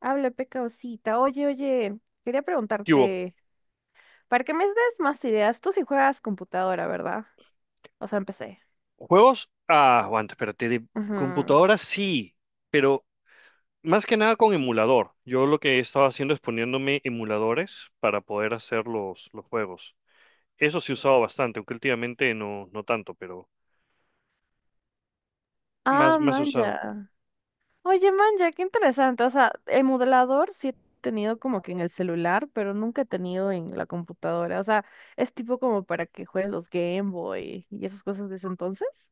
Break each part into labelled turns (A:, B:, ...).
A: Habla, pecaosita. Oye, oye, quería
B: ¿Qué hubo?
A: preguntarte, para que me des más ideas, tú sí juegas computadora, ¿verdad? O sea, empecé.
B: ¿Juegos? Ah, aguanta, espérate. De
A: Ajá.
B: computadora sí, pero más que nada con emulador. Yo lo que he estado haciendo es poniéndome emuladores para poder hacer los juegos. Eso sí he usado bastante, aunque últimamente no, no tanto, pero más,
A: Ah,
B: más he usado.
A: manja. Oye, manja, qué interesante. O sea, el modelador sí he tenido como que en el celular, pero nunca he tenido en la computadora. O sea, es tipo como para que juegues los Game Boy y esas cosas de ese entonces.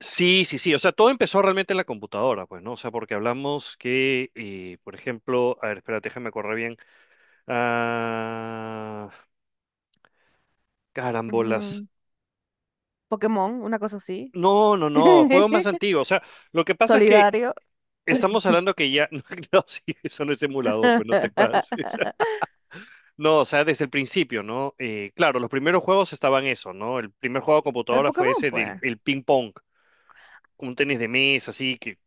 B: Sí, sí, sí. O sea, todo empezó realmente en la computadora, pues, ¿no? O sea, porque hablamos que, por ejemplo, a ver, espérate, déjame correr bien. Ah, carambolas.
A: Ujú. Pokémon, una cosa así.
B: No, no, no, juegos más antiguos. O sea, lo que pasa es que
A: Solidario.
B: estamos hablando que ya, no, sí, eso no es emulador, pues no te pases. No, o sea, desde el principio, ¿no? Claro, los primeros juegos estaban eso, ¿no? El primer juego de
A: El
B: computadora fue
A: Pokémon,
B: ese del
A: pues.
B: el ping pong, un tenis de mesa, así que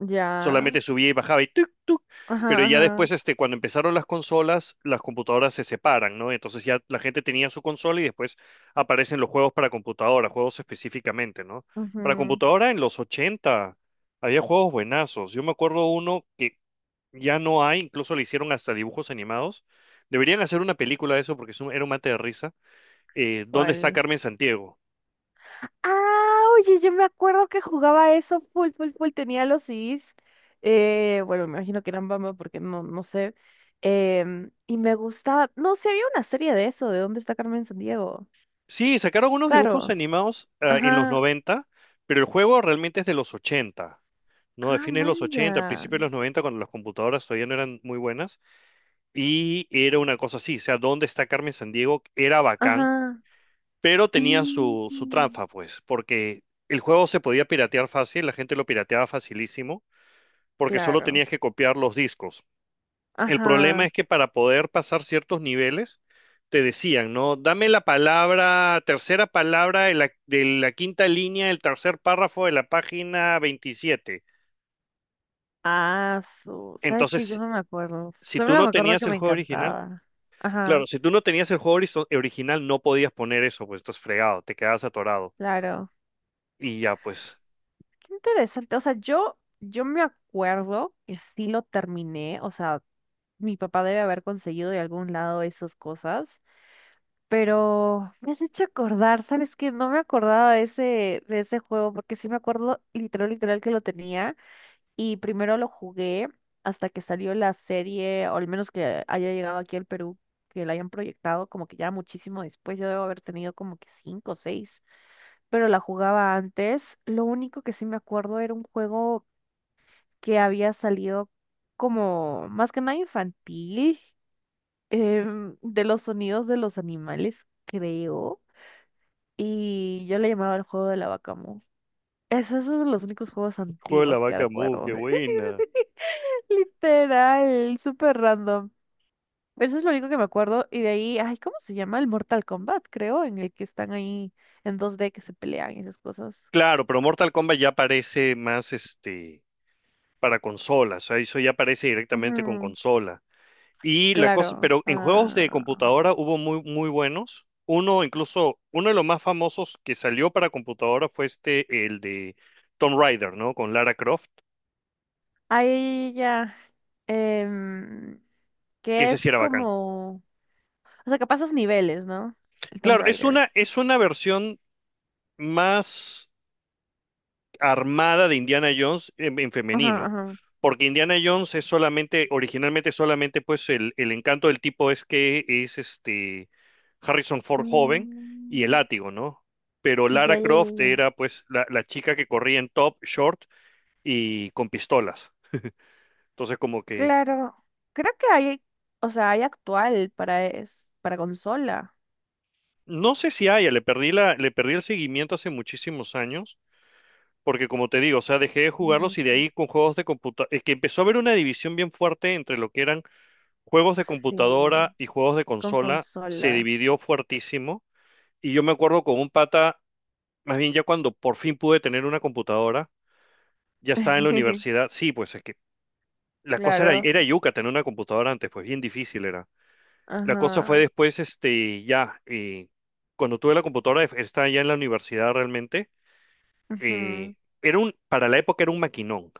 A: Ya.
B: solamente subía y bajaba y tuk, tuk. Pero
A: Ajá,
B: ya
A: ajá,
B: después, este, cuando empezaron las consolas, las computadoras se separan, ¿no? Entonces ya la gente tenía su consola y después aparecen los juegos para computadora, juegos específicamente, ¿no? Para
A: ajá.
B: computadora en los 80 había juegos buenazos. Yo me acuerdo uno que ya no hay, incluso le hicieron hasta dibujos animados. Deberían hacer una película de eso porque es era un mate de risa. ¿Dónde está
A: ¿Cuál?
B: Carmen Santiago?
A: Ah, oye, yo me acuerdo que jugaba eso full, full, full. Tenía los CDs. Bueno, me imagino que eran Bamba porque no, no sé. Y me gustaba. No sé, había una serie de eso, de dónde está Carmen Sandiego.
B: Sí, sacaron unos dibujos
A: Claro.
B: animados ah, en los
A: Ajá.
B: 90, pero el juego realmente es de los 80, ¿no? De
A: Ah,
B: fines de los 80,
A: manja.
B: principios de los 90, cuando las computadoras todavía no eran muy buenas. Y era una cosa así, o sea, ¿dónde está Carmen Sandiego? Era bacán,
A: Ajá.
B: pero tenía
A: Sí.
B: su trampa, pues, porque el juego se podía piratear fácil, la gente lo pirateaba facilísimo, porque solo
A: Claro.
B: tenías que copiar los discos. El problema
A: Ajá.
B: es que para poder pasar ciertos niveles, te decían, ¿no? Dame la palabra, tercera palabra de la quinta línea del tercer párrafo de la página 27.
A: Ah, su. ¿Sabes que yo
B: Entonces,
A: no me acuerdo?
B: si tú
A: Solo
B: no
A: me acuerdo
B: tenías
A: que
B: el
A: me
B: juego original,
A: encantaba.
B: claro,
A: Ajá.
B: si tú no tenías el juego original, no podías poner eso, pues estás fregado, te quedabas atorado.
A: Claro.
B: Y ya, pues,
A: Qué interesante. O sea, yo me acuerdo que sí lo terminé. O sea, mi papá debe haber conseguido de algún lado esas cosas. Pero me has hecho acordar, ¿sabes qué? No me acordaba de ese juego, porque sí me acuerdo literal, literal que lo tenía. Y primero lo jugué hasta que salió la serie, o al menos que haya llegado aquí al Perú, que la hayan proyectado, como que ya muchísimo después. Yo debo haber tenido como que cinco o seis, pero la jugaba antes. Lo único que sí me acuerdo era un juego que había salido como más que nada infantil, de los sonidos de los animales, creo. Y yo le llamaba el juego de la vaca mu. Ese es uno de los únicos juegos
B: juego de la
A: antiguos que
B: vaca mu,
A: recuerdo.
B: qué buena.
A: Literal, súper random. Pero eso es lo único que me acuerdo. Y de ahí, ay, ¿cómo se llama? El Mortal Kombat, creo, en el que están ahí en dos d que se pelean y esas cosas.
B: Claro, pero Mortal Kombat ya aparece más, este, para consolas, o sea, eso ya aparece directamente con
A: Ujú,
B: consola. Y la cosa,
A: claro.
B: pero en juegos de
A: Ah,
B: computadora hubo muy, muy buenos. Uno, incluso, uno de los más famosos que salió para computadora fue este, el de Tomb Raider, ¿no? Con Lara Croft,
A: ahí ya. Em,
B: que
A: que
B: ese sí
A: es
B: era bacán.
A: como, o sea, que pasas niveles, ¿no? El Tomb
B: Claro, es
A: Raider.
B: una, es una versión más armada de Indiana Jones en
A: Ajá,
B: femenino.
A: ajá.
B: Porque Indiana Jones es solamente, originalmente solamente, pues el encanto del tipo es que es este Harrison Ford joven y el
A: Mm,
B: látigo, ¿no? Pero Lara
A: ya, ya,
B: Croft
A: ya, ya.
B: era pues la chica que corría en top, short y con pistolas. Entonces como que
A: Claro, creo que hay, o sea, hay actual para consola.
B: no sé si haya, le perdí el seguimiento hace muchísimos años, porque como te digo, o sea, dejé de jugarlos y de
A: Ujú.
B: ahí con juegos de computadora, es que empezó a haber una división bien fuerte entre lo que eran juegos de computadora
A: Sí,
B: y juegos de
A: con
B: consola se
A: consola.
B: dividió fuertísimo. Y yo me acuerdo con un pata, más bien ya cuando por fin pude tener una computadora, ya estaba en la universidad. Sí, pues es que la cosa era,
A: Claro.
B: era yuca tener una computadora antes, pues bien difícil era. La cosa fue
A: Ajá.
B: después, este, ya, cuando tuve la computadora, estaba ya en la universidad realmente. eh,
A: Ujú,
B: era un, para la época era un maquinón.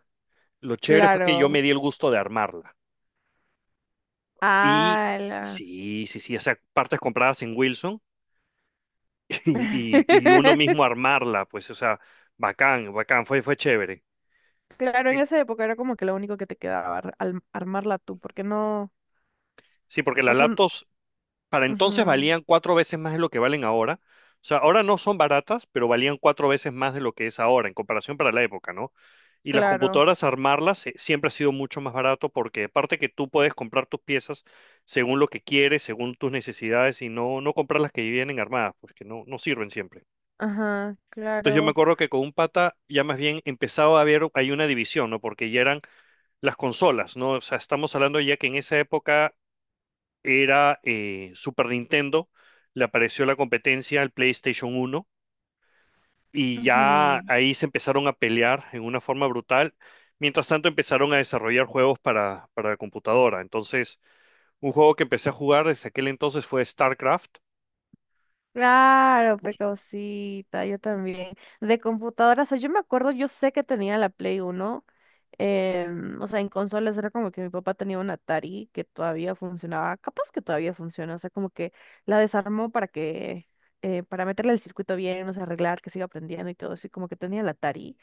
B: Lo chévere fue que yo me
A: claro.
B: di el gusto de armarla. Y
A: Ala.
B: sí, sí, sí, o sea, partes compradas en Wilson y uno mismo armarla, pues, o sea, bacán, bacán, fue chévere.
A: Claro, en
B: Y-
A: esa época era como que lo único que te quedaba, armarla tú, porque no,
B: Sí, porque
A: o
B: las
A: sea,
B: laptops para entonces
A: ujú.
B: valían cuatro veces más de lo que valen ahora. O sea, ahora no son baratas, pero valían cuatro veces más de lo que es ahora, en comparación para la época, ¿no? Y las
A: Claro,
B: computadoras, armarlas, siempre ha sido mucho más barato porque aparte que tú puedes comprar tus piezas según lo que quieres, según tus necesidades y no, no comprar las que vienen armadas, pues que no, no sirven siempre.
A: ajá,
B: Entonces yo me
A: claro.
B: acuerdo que con un pata ya más bien empezaba a haber, hay una división, ¿no? Porque ya eran las consolas, ¿no? O sea, estamos hablando ya que en esa época era Super Nintendo, le apareció la competencia al PlayStation 1 y ya
A: Ujú.
B: ahí se empezaron a pelear en una forma brutal. Mientras tanto empezaron a desarrollar juegos para la computadora. Entonces, un juego que empecé a jugar desde aquel entonces fue StarCraft.
A: Claro, pecausita, yo también. De computadoras, o sea, yo me acuerdo, yo sé que tenía la Play Uno, o sea, en consolas era como que mi papá tenía un Atari que todavía funcionaba, capaz que todavía funciona, o sea, como que la desarmó para que, para meterle el circuito bien, o sea, arreglar, que siga aprendiendo y todo eso, y como que tenía el Atari.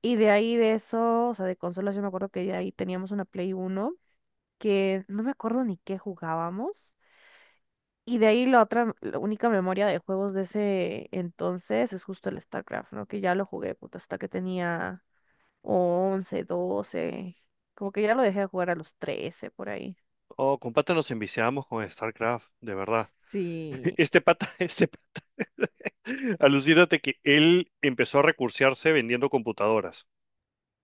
A: Y de ahí de eso, o sea, de consolas, yo me acuerdo que de ahí teníamos una Play Uno que no me acuerdo ni qué jugábamos. Y de ahí la otra, la única memoria de juegos de ese entonces es justo el StarCraft, ¿no? Que ya lo jugué, puta, hasta que tenía 11, 12. Como que ya lo dejé de jugar a los 13 por ahí.
B: Oh, con pata nos enviciamos con StarCraft, de verdad.
A: Sí.
B: Este pata, este pata, alucínate que él empezó a recursearse vendiendo computadoras.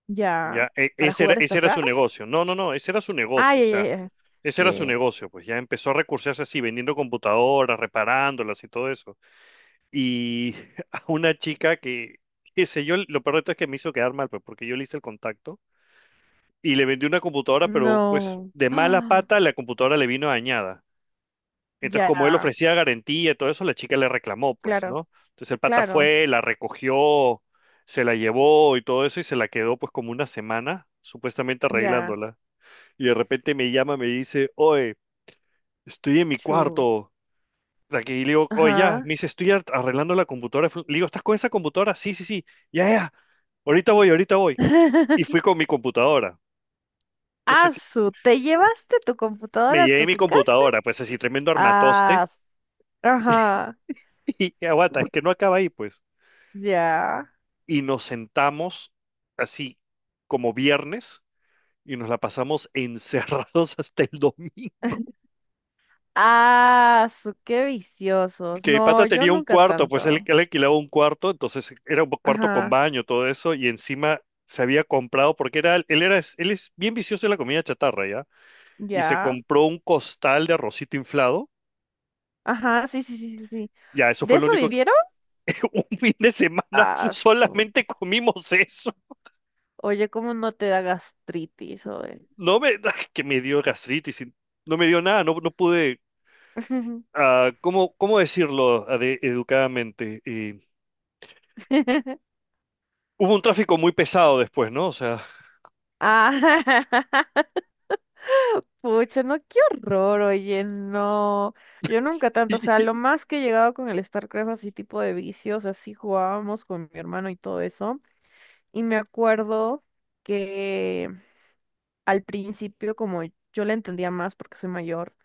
A: Ya.
B: Ya,
A: ¿Para jugar
B: ese era su
A: StarCraft?
B: negocio. No, no, no, ese era su
A: Ah,
B: negocio. O
A: ya, ya,
B: sea,
A: ya.
B: ese
A: Ya,
B: era su
A: ya, ya.
B: negocio. Pues ya empezó a recursearse así, vendiendo computadoras, reparándolas y todo eso. Y a una chica que, qué sé yo, lo peor de todo es que me hizo quedar mal, pues porque yo le hice el contacto y le vendí una computadora, pero pues
A: No.
B: de mala
A: Ah,
B: pata la computadora le vino dañada. Entonces, como él
A: ya.
B: ofrecía garantía y todo eso, la chica le reclamó, pues,
A: Claro,
B: ¿no? Entonces el pata
A: claro.
B: fue, la recogió, se la llevó y todo eso y se la quedó pues como una semana, supuestamente
A: Ya.
B: arreglándola. Y de repente me llama, me dice, oye, estoy en mi
A: Chu.
B: cuarto. Aquí le digo, oye, ya,
A: Ajá.
B: me dice, estoy arreglando la computadora. Le digo, ¿estás con esa computadora? Sí, sí, sí, ya, ya. Ahorita voy, ahorita voy. Y fui con mi computadora. Entonces
A: Asu, ¿te llevaste tu
B: me
A: computadora
B: llevé
A: hasta
B: mi
A: su casa?
B: computadora, pues así, tremendo
A: Ah,
B: armatoste.
A: ajá.
B: Y aguanta, es que no acaba ahí, pues.
A: Ya.
B: Y nos sentamos así como viernes y nos la pasamos encerrados hasta el domingo.
A: Ah, su, qué viciosos.
B: Que
A: No,
B: pata
A: yo
B: tenía un
A: nunca
B: cuarto, pues él,
A: tanto.
B: él alquilaba un cuarto, entonces era un cuarto con
A: Ajá,
B: baño, todo eso, y encima se había comprado, porque era, él es bien vicioso de la comida chatarra, ¿ya? Y se
A: ya.
B: compró un costal de arrocito inflado,
A: Ajá, sí, sí, sí, sí, sí.
B: ya, eso
A: ¿De
B: fue lo
A: eso
B: único que,
A: vivieron?
B: un fin de semana
A: Ah, su.
B: solamente comimos eso.
A: Oye, ¿cómo no te da gastritis, oye?
B: No me, que me dio gastritis, y no me dio nada, no, no pude, ah, ¿cómo decirlo educadamente? Y hubo un tráfico muy pesado después, ¿no? O sea,
A: Ah, pucha, no, qué horror, oye, no. Yo nunca tanto, o sea, lo más que he llegado con el StarCraft, así tipo de vicios, así jugábamos con mi hermano y todo eso. Y me acuerdo que al principio, como yo le entendía más porque soy mayor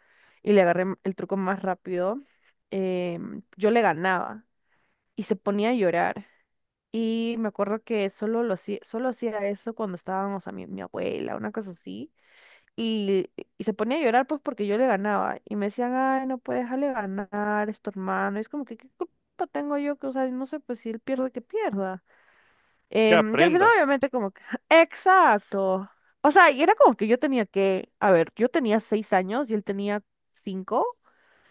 A: y le agarré el truco más rápido, yo le ganaba y se ponía a llorar. Y me acuerdo que solo lo hacía, solo hacía eso cuando estábamos a mi abuela, una cosa así. Y, y se ponía a llorar pues porque yo le ganaba. Y me decían, ay, no puedes dejarle ganar, es tu hermano. Y es como que, ¿qué culpa tengo yo? Que, o sea, no sé, pues si él pierde, que pierda.
B: que
A: Y al final,
B: aprenda.
A: obviamente, como que, exacto. O sea, y era como que yo tenía que, a ver, yo tenía 6 años y él tenía 5,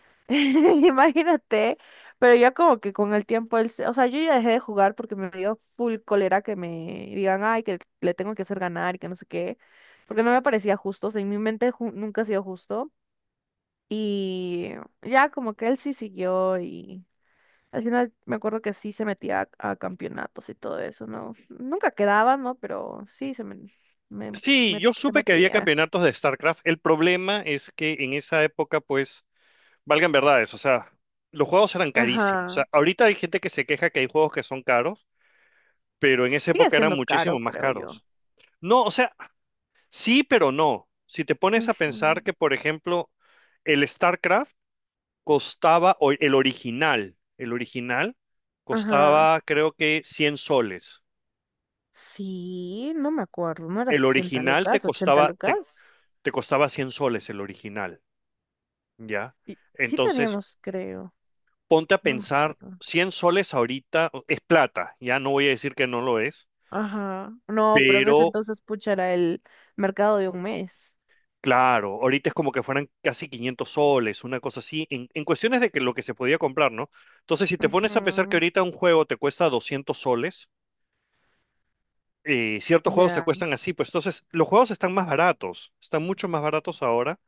A: imagínate, pero ya como que con el tiempo, o sea, yo ya dejé de jugar porque me dio full cólera que me digan, ay, que le tengo que hacer ganar y que no sé qué, porque no me parecía justo, o sea, en mi mente nunca ha sido justo. Y ya como que él sí siguió, al final me acuerdo que sí se metía a campeonatos y todo eso, ¿no? Nunca quedaba, ¿no? Pero sí se me, me-
B: Sí,
A: me-
B: yo
A: se
B: supe que había
A: metía.
B: campeonatos de StarCraft. El problema es que en esa época, pues, valgan verdades, o sea, los juegos eran carísimos. O
A: Ajá.
B: sea, ahorita hay gente que se queja que hay juegos que son caros, pero en esa
A: Sigue
B: época eran
A: siendo caro,
B: muchísimo más
A: creo yo.
B: caros. No, o sea, sí, pero no. Si te pones a pensar
A: Ujú.
B: que, por ejemplo, el StarCraft costaba, o el original
A: Ajá.
B: costaba, creo que 100 soles.
A: Sí, no me acuerdo, ¿no era
B: El
A: 60
B: original
A: lucas, 80 lucas?
B: te costaba 100 soles, el original. Ya.
A: Y sí
B: Entonces,
A: teníamos, creo.
B: ponte a
A: No me
B: pensar,
A: acuerdo.
B: 100 soles ahorita es plata, ya no voy a decir que no lo es,
A: Ajá. No, pero en ese
B: pero
A: entonces, pucha, era el mercado de un mes.
B: claro, ahorita es como que fueran casi 500 soles, una cosa así, en cuestiones de que lo que se podía comprar, ¿no? Entonces, si te pones a pensar que
A: Ujú.
B: ahorita un juego te cuesta 200 soles, ciertos juegos te
A: Ya.
B: cuestan así, pues entonces los juegos están más baratos, están mucho más baratos ahora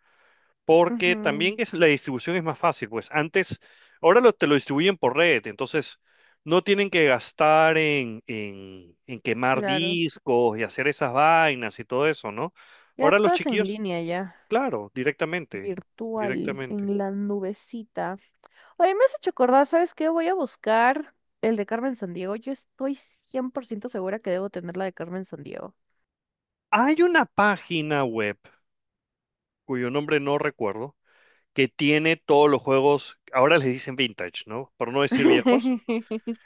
B: porque también
A: Ujú,
B: es, la distribución es más fácil, pues antes, ahora te lo distribuyen por red, entonces no tienen que gastar en, en quemar
A: claro.
B: discos y hacer esas vainas y todo eso, ¿no?
A: Ya
B: Ahora los
A: todo es en
B: chiquillos,
A: línea ya.
B: claro, directamente,
A: Virtual
B: directamente.
A: en la nubecita. Oye, me has hecho acordar, ¿sabes qué? Voy a buscar el de Carmen Sandiego. Yo estoy 100% segura que debo tener la de Carmen Sandiego.
B: Hay una página web cuyo nombre no recuerdo, que tiene todos los juegos, ahora les dicen vintage, ¿no? Por no decir viejos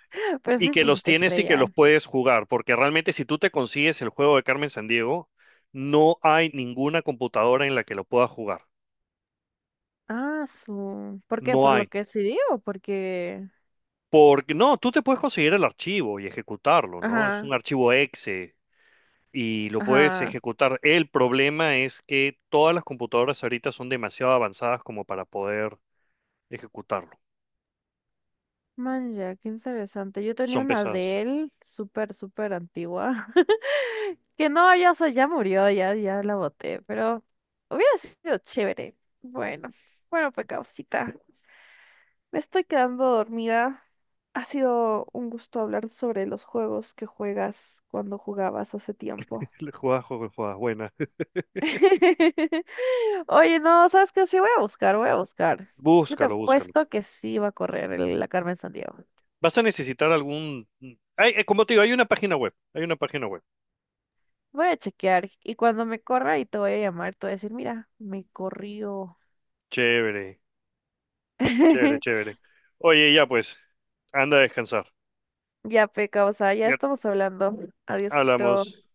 A: Pero
B: y
A: sí es
B: que los
A: vintage
B: tienes y que los
A: bella.
B: puedes jugar, porque realmente si tú te consigues el juego de Carmen Sandiego, no hay ninguna computadora en la que lo puedas jugar.
A: Ah, su. ¿Por qué?
B: No
A: ¿Por lo
B: hay.
A: que se dio? Porque.
B: Porque no, tú te puedes conseguir el archivo y ejecutarlo, ¿no? Es
A: Ajá,
B: un archivo exe y lo puedes
A: ajá.
B: ejecutar. El problema es que todas las computadoras ahorita son demasiado avanzadas como para poder ejecutarlo.
A: Manja, qué interesante. Yo tenía
B: Son
A: una
B: pesadas.
A: de él súper, súper antigua. Que no, ya, o sea, ya murió, ya, ya la boté, pero hubiera sido chévere. Bueno, bueno, pues Causita, me estoy quedando dormida. Ha sido un gusto hablar sobre los juegos que juegas cuando jugabas hace
B: Le
A: tiempo.
B: juegas, juegas, juegas, buena.
A: Oye, no, ¿sabes qué? Sí, voy a buscar, voy a buscar. Yo te
B: Búscalo, búscalo.
A: apuesto que sí va a correr la Carmen Sandiego.
B: Vas a necesitar algún... Ay, como te digo, hay una página web. Hay una página web.
A: Voy a chequear y cuando me corra y te voy a llamar, te voy a decir, mira, me corrió.
B: Chévere, chévere, chévere. Oye, ya pues, anda a descansar.
A: Ya, Peca, o sea, ya
B: Ya
A: estamos hablando. Adiosito.
B: hablamos.